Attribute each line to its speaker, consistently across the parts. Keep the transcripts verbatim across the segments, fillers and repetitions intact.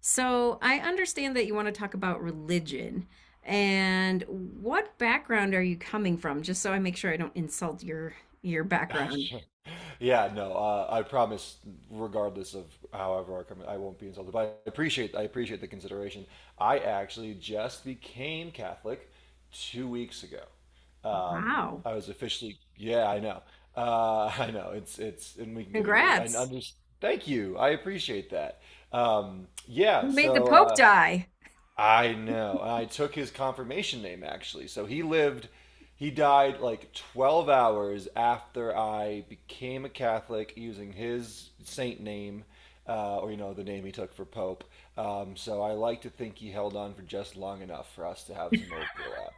Speaker 1: So I understand that you want to talk about religion. And what background are you coming from? Just so I make sure I don't insult your your background.
Speaker 2: Oh, yeah, no, uh, I promise, regardless of however I come, I won't be insulted. But I appreciate, I appreciate the consideration. I actually just became Catholic two weeks ago. Um,
Speaker 1: Wow.
Speaker 2: I was officially, yeah, I know, uh, I know. It's it's, and we can get into it. I
Speaker 1: Congrats.
Speaker 2: understand. Thank you. I appreciate that. Um, yeah.
Speaker 1: You made the
Speaker 2: So.
Speaker 1: Pope
Speaker 2: Uh,
Speaker 1: die.
Speaker 2: I know. I took his confirmation name actually. So he lived he died like twelve hours after I became a Catholic using his saint name uh, or you know the name he took for pope. Um, so I like to think he held on for just long enough for us to have some overlap.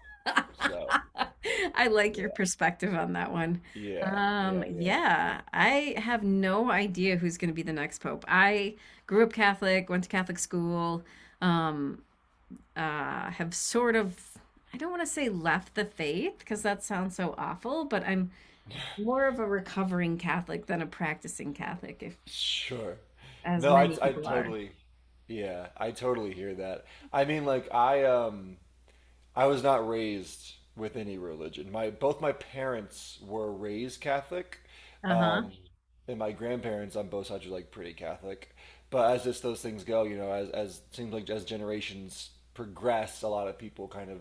Speaker 2: So
Speaker 1: I like your
Speaker 2: Yeah.
Speaker 1: perspective on that one.
Speaker 2: Yeah,
Speaker 1: Um,
Speaker 2: yeah, yeah.
Speaker 1: yeah, I have no idea who's going to be the next pope. I grew up Catholic, went to Catholic school, um, uh, have sort of, I don't want to say left the faith because that sounds so awful, but I'm more of a recovering Catholic than a practicing Catholic, if
Speaker 2: Sure.
Speaker 1: as
Speaker 2: No, I
Speaker 1: many
Speaker 2: I
Speaker 1: people are.
Speaker 2: totally yeah, I totally hear that. I mean like I um I was not raised with any religion. My both my parents were raised Catholic,
Speaker 1: Uh huh.
Speaker 2: um, and my grandparents on both sides were like pretty Catholic. But as just those things go, you know, as as seems like as generations progress, a lot of people kind of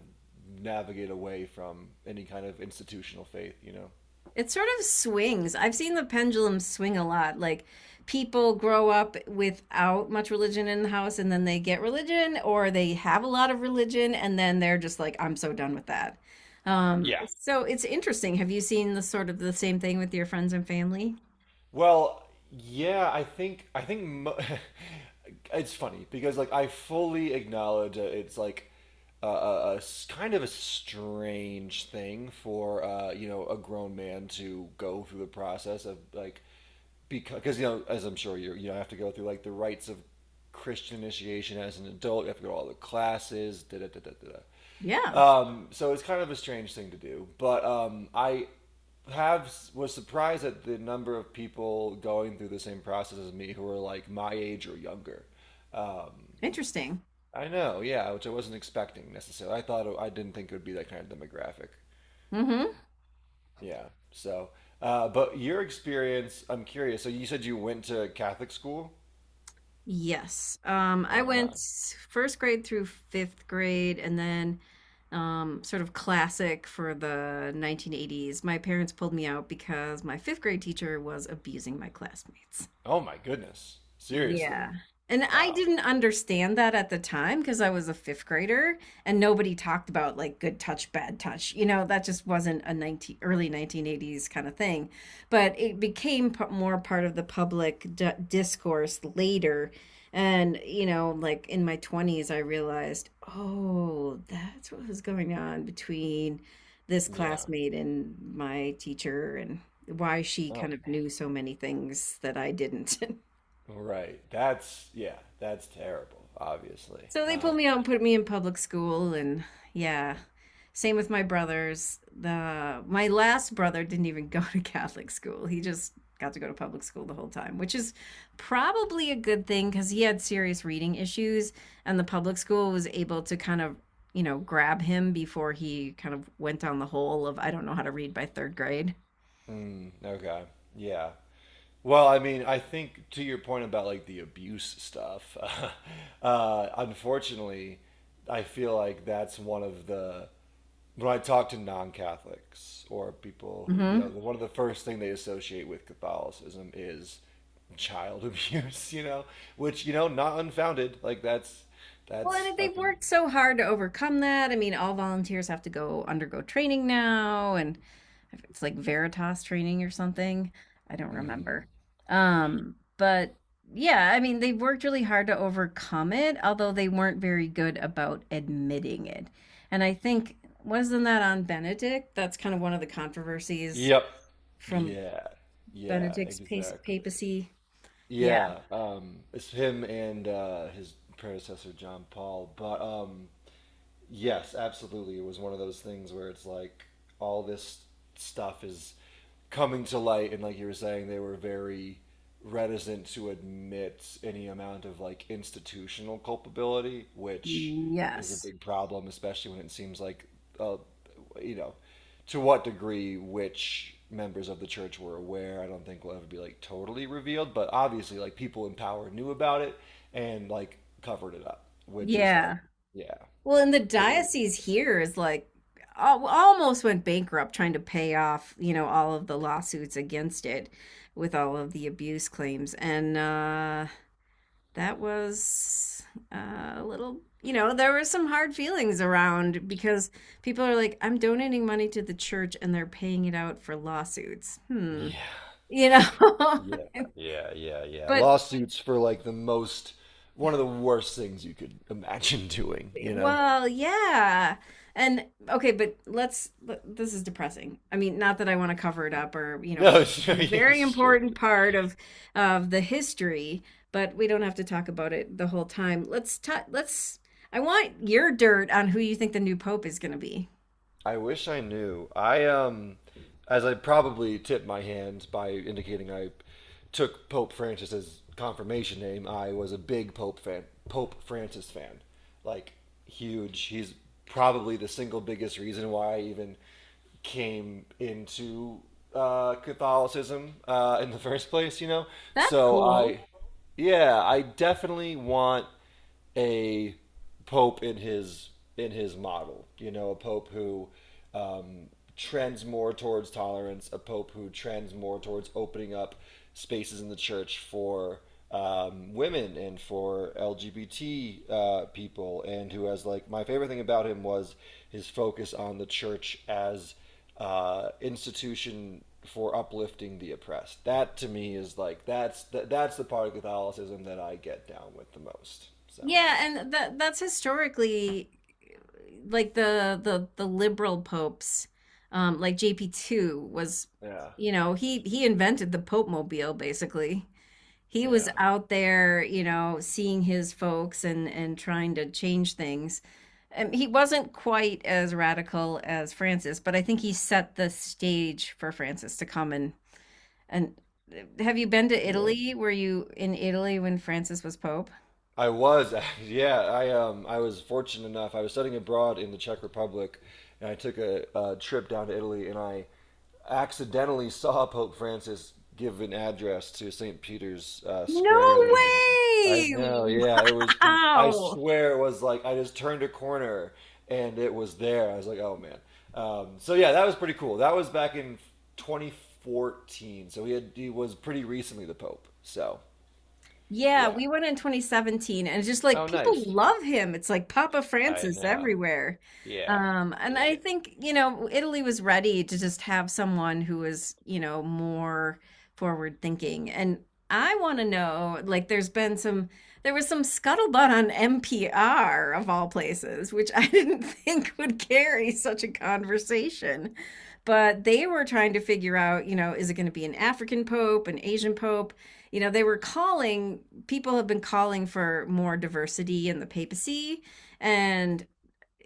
Speaker 2: navigate away from any kind of institutional faith. You know,
Speaker 1: It sort of swings. I've seen the pendulum swing a lot. Like people grow up without much religion in the house and then they get religion or they have a lot of religion and then they're just like, I'm so done with that. Um,
Speaker 2: Yeah.
Speaker 1: so it's interesting. Have you seen the sort of the same thing with your friends and family?
Speaker 2: Well, yeah, I think I think mo- it's funny because like I fully acknowledge that it's like a, a, a s- kind of a strange thing for uh, you know, a grown man to go through the process of like because you know, as I'm sure you you know have to go through like the rites of Christian initiation as an adult. You have to go to all the classes. Da da da da da. Da.
Speaker 1: Yeah,
Speaker 2: Um, so it's kind of a strange thing to do, but um, I have was surprised at the number of people going through the same process as me who are like my age or younger. Um,
Speaker 1: interesting.
Speaker 2: I know, yeah, which I wasn't expecting necessarily. I thought it, I didn't think it would be that kind of demographic.
Speaker 1: Hmm.
Speaker 2: Yeah, so. Uh, but your experience, I'm curious. So you said you went to Catholic school?
Speaker 1: Yes. Um, I right, went
Speaker 2: Okay.
Speaker 1: first grade through fifth grade and then um, sort of classic for the nineteen eighties. My parents pulled me out because my fifth grade teacher was abusing my classmates.
Speaker 2: Oh my goodness. Seriously.
Speaker 1: Yeah. And I
Speaker 2: Wow.
Speaker 1: didn't understand that at the time because I was a fifth grader and nobody talked about like good touch, bad touch. You know, that just wasn't a nineteen, early nineteen eighties kind of thing. But it became p- more part of the public d discourse later. And, you know, like in my twenties, I realized, oh, that's what was going on between this
Speaker 2: Yeah.
Speaker 1: classmate and my teacher and why she
Speaker 2: Oh,
Speaker 1: kind of knew so many things that I didn't.
Speaker 2: right. That's, yeah, that's terrible. Obviously.
Speaker 1: So they
Speaker 2: Um,
Speaker 1: pulled me out and put me in public school, and yeah, same with my brothers. The my last brother didn't even go to Catholic school. He just got to go to public school the whole time, which is probably a good thing because he had serious reading issues, and the public school was able to kind of you know grab him before he kind of went down the hole of I don't know how to read by third grade.
Speaker 2: mm, okay. Yeah. Well, I mean, I think to your point about like the abuse stuff. Uh, unfortunately, I feel like that's one of the when I talk to non-Catholics or people who, you know,
Speaker 1: Hmm.
Speaker 2: one of the first thing they associate with Catholicism is child abuse. You know, which you know, not unfounded. Like that's
Speaker 1: Well,
Speaker 2: that's
Speaker 1: and
Speaker 2: a,
Speaker 1: they've worked so hard to overcome that. I mean, all volunteers have to go undergo training now, and it's like Veritas training or something. I don't remember.
Speaker 2: mhm.
Speaker 1: Um, but yeah, I mean, they've worked really hard to overcome it, although they weren't very good about admitting it. And I think, wasn't that on Benedict? That's kind of one of the controversies
Speaker 2: Yep.
Speaker 1: from
Speaker 2: Yeah. Yeah,
Speaker 1: Benedict's pa-
Speaker 2: exactly.
Speaker 1: papacy. Yeah.
Speaker 2: Yeah. Um, it's him and uh, his predecessor John Paul. But um, yes, absolutely. It was one of those things where it's like all this stuff is coming to light, and like you were saying, they were very reticent to admit any amount of like institutional culpability, which is a
Speaker 1: Yes.
Speaker 2: big problem, especially when it seems like, uh, you know, to what degree which members of the church were aware. I don't think will ever be like totally revealed, but obviously, like people in power knew about it and like covered it up, which is like,
Speaker 1: Yeah.
Speaker 2: yeah,
Speaker 1: Well, and the
Speaker 2: pretty.
Speaker 1: diocese here is like al- almost went bankrupt trying to pay off, you know, all of the lawsuits against it with all of the abuse claims. And uh, that was uh, a little, you know, there were some hard feelings around because people are like, I'm donating money to the church and they're paying it out for lawsuits. Hmm.
Speaker 2: Yeah,
Speaker 1: You know,
Speaker 2: yeah, yeah, yeah, yeah.
Speaker 1: but
Speaker 2: Lawsuits for like the most, one of the worst things you could imagine doing, you know?
Speaker 1: Well, yeah. And okay, but let's th- this is depressing. I mean, not that I want to cover it up or, you know,
Speaker 2: No, sure,
Speaker 1: it's a very
Speaker 2: sure,
Speaker 1: important part of of the history, but we don't have to talk about it the whole time. Let's ta let's I want your dirt on who you think the new pope is going to be.
Speaker 2: I wish I knew. I um, As I probably tipped my hands by indicating I took Pope Francis's confirmation name. I was a big Pope fan, Pope Francis fan, like huge. He's probably the single biggest reason why I even came into uh, Catholicism uh, in the first place. You know,
Speaker 1: That's
Speaker 2: so
Speaker 1: cool.
Speaker 2: I, yeah, I definitely want a pope in his in his model. You know, a pope who um, trends more towards tolerance, a pope who trends more towards opening up spaces in the church for um, women and for L G B T uh, people, and who has like my favorite thing about him was his focus on the church as uh, institution for uplifting the oppressed. That to me is like that's the, that's the part of Catholicism that I get down with the most. So
Speaker 1: Yeah, and that that's historically like the the the liberal popes, um, like J P two was,
Speaker 2: yeah,
Speaker 1: you know, he he invented the Pope Mobile basically. He was
Speaker 2: yeah,
Speaker 1: out there, you know, seeing his folks and and trying to change things. Um, he wasn't quite as radical as Francis, but I think he set the stage for Francis to come and and have you been to
Speaker 2: yeah.
Speaker 1: Italy? Were you in Italy when Francis was Pope?
Speaker 2: I was, yeah. I um, I was fortunate enough. I was studying abroad in the Czech Republic, and I took a, a trip down to Italy, and I accidentally saw Pope Francis give an address to Saint Peter's uh,
Speaker 1: No,
Speaker 2: Square then. I
Speaker 1: yeah, way!
Speaker 2: know, yeah. It was, com- I
Speaker 1: Wow.
Speaker 2: swear it was like I just turned a corner and it was there. I was like, oh man. Um, so yeah, that was pretty cool. That was back in twenty fourteen. So he had, he was pretty recently the Pope. So
Speaker 1: Yeah,
Speaker 2: yeah.
Speaker 1: we went in twenty seventeen and it's just like
Speaker 2: Oh,
Speaker 1: people
Speaker 2: nice.
Speaker 1: love him. It's like Papa
Speaker 2: I
Speaker 1: Francis
Speaker 2: know.
Speaker 1: everywhere.
Speaker 2: Yeah.
Speaker 1: Um, and I
Speaker 2: Yeah.
Speaker 1: think, you know, Italy was ready to just have someone who was, you know, more forward thinking. And I want to know, like, there's been some, there was some scuttlebutt on N P R of all places, which I didn't think would carry such a conversation. But they were trying to figure out, you know, is it going to be an African pope, an Asian pope? You know, they were calling, people have been calling for more diversity in the papacy. And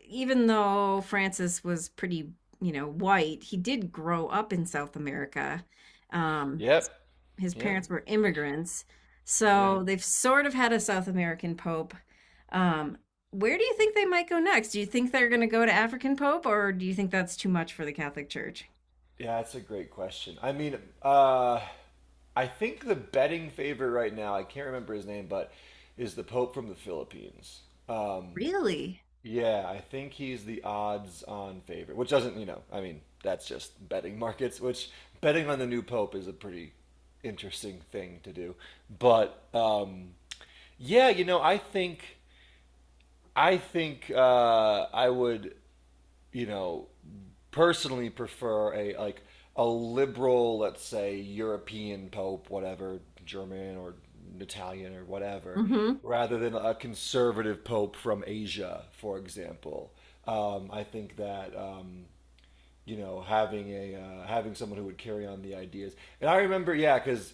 Speaker 1: even though Francis was pretty, you know, white, he did grow up in South America. Um, his,
Speaker 2: Yep.
Speaker 1: his
Speaker 2: Yep.
Speaker 1: parents were immigrants.
Speaker 2: Yeah.
Speaker 1: So they've sort of had a South American pope. Um, where do you think they might go next? Do you think they're going to go to African pope, or do you think that's too much for the Catholic Church?
Speaker 2: Yeah, that's a great question. I mean, uh, I think the betting favorite right now, I can't remember his name, but is the Pope from the Philippines. Um,
Speaker 1: Really?
Speaker 2: yeah, I think he's the odds on favorite, which doesn't, you know, I mean, that's just betting markets, which betting on the new Pope is a pretty interesting thing to do. But um, yeah, you know, I think I think uh, I would, you know, personally prefer a like a liberal, let's say European pope, whatever, German or Italian or whatever,
Speaker 1: Hmm.
Speaker 2: rather than a conservative pope from Asia, for example. Um, I think that um, you know, having a uh, having someone who would carry on the ideas. And I remember, yeah, because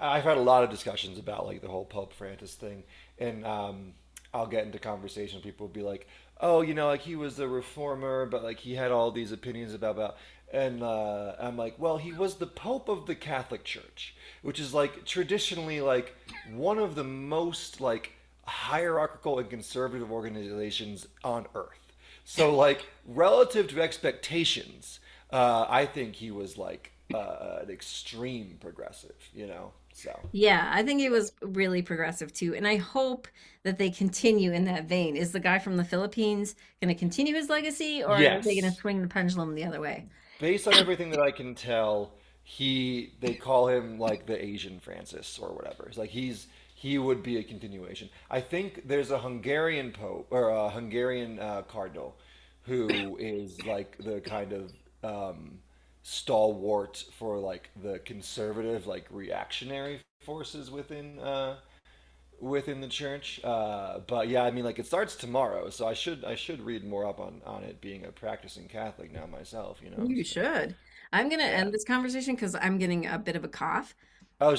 Speaker 2: I've had a lot of discussions about like the whole Pope Francis thing, and um, I'll get into conversation. People will be like, "Oh, you know, like he was a reformer, but like he had all these opinions about about." And uh, I'm like, "Well, he was the Pope of the Catholic Church, which is like traditionally like one of the most like hierarchical and conservative organizations on Earth. So, like, relative to expectations, uh, I think he was like uh, an extreme progressive, you know? So,
Speaker 1: Yeah, I think it was really progressive too. And I hope that they continue in that vein. Is the guy from the Philippines going to continue his legacy or are they going to
Speaker 2: yes.
Speaker 1: swing the pendulum the other way?
Speaker 2: Based on everything that I can tell, he they call him like the Asian Francis or whatever. It's like he's he would be a continuation. I think there's a Hungarian pope or a Hungarian uh, cardinal who is like the kind of um, stalwart for like the conservative like reactionary forces within uh, within the church. Uh, but yeah, I mean like it starts tomorrow, so I should I should read more up on on it, being a practicing Catholic now myself, you know.
Speaker 1: You
Speaker 2: So
Speaker 1: should. I'm going to
Speaker 2: yeah.
Speaker 1: end this conversation because I'm getting a bit of a cough.
Speaker 2: Oh,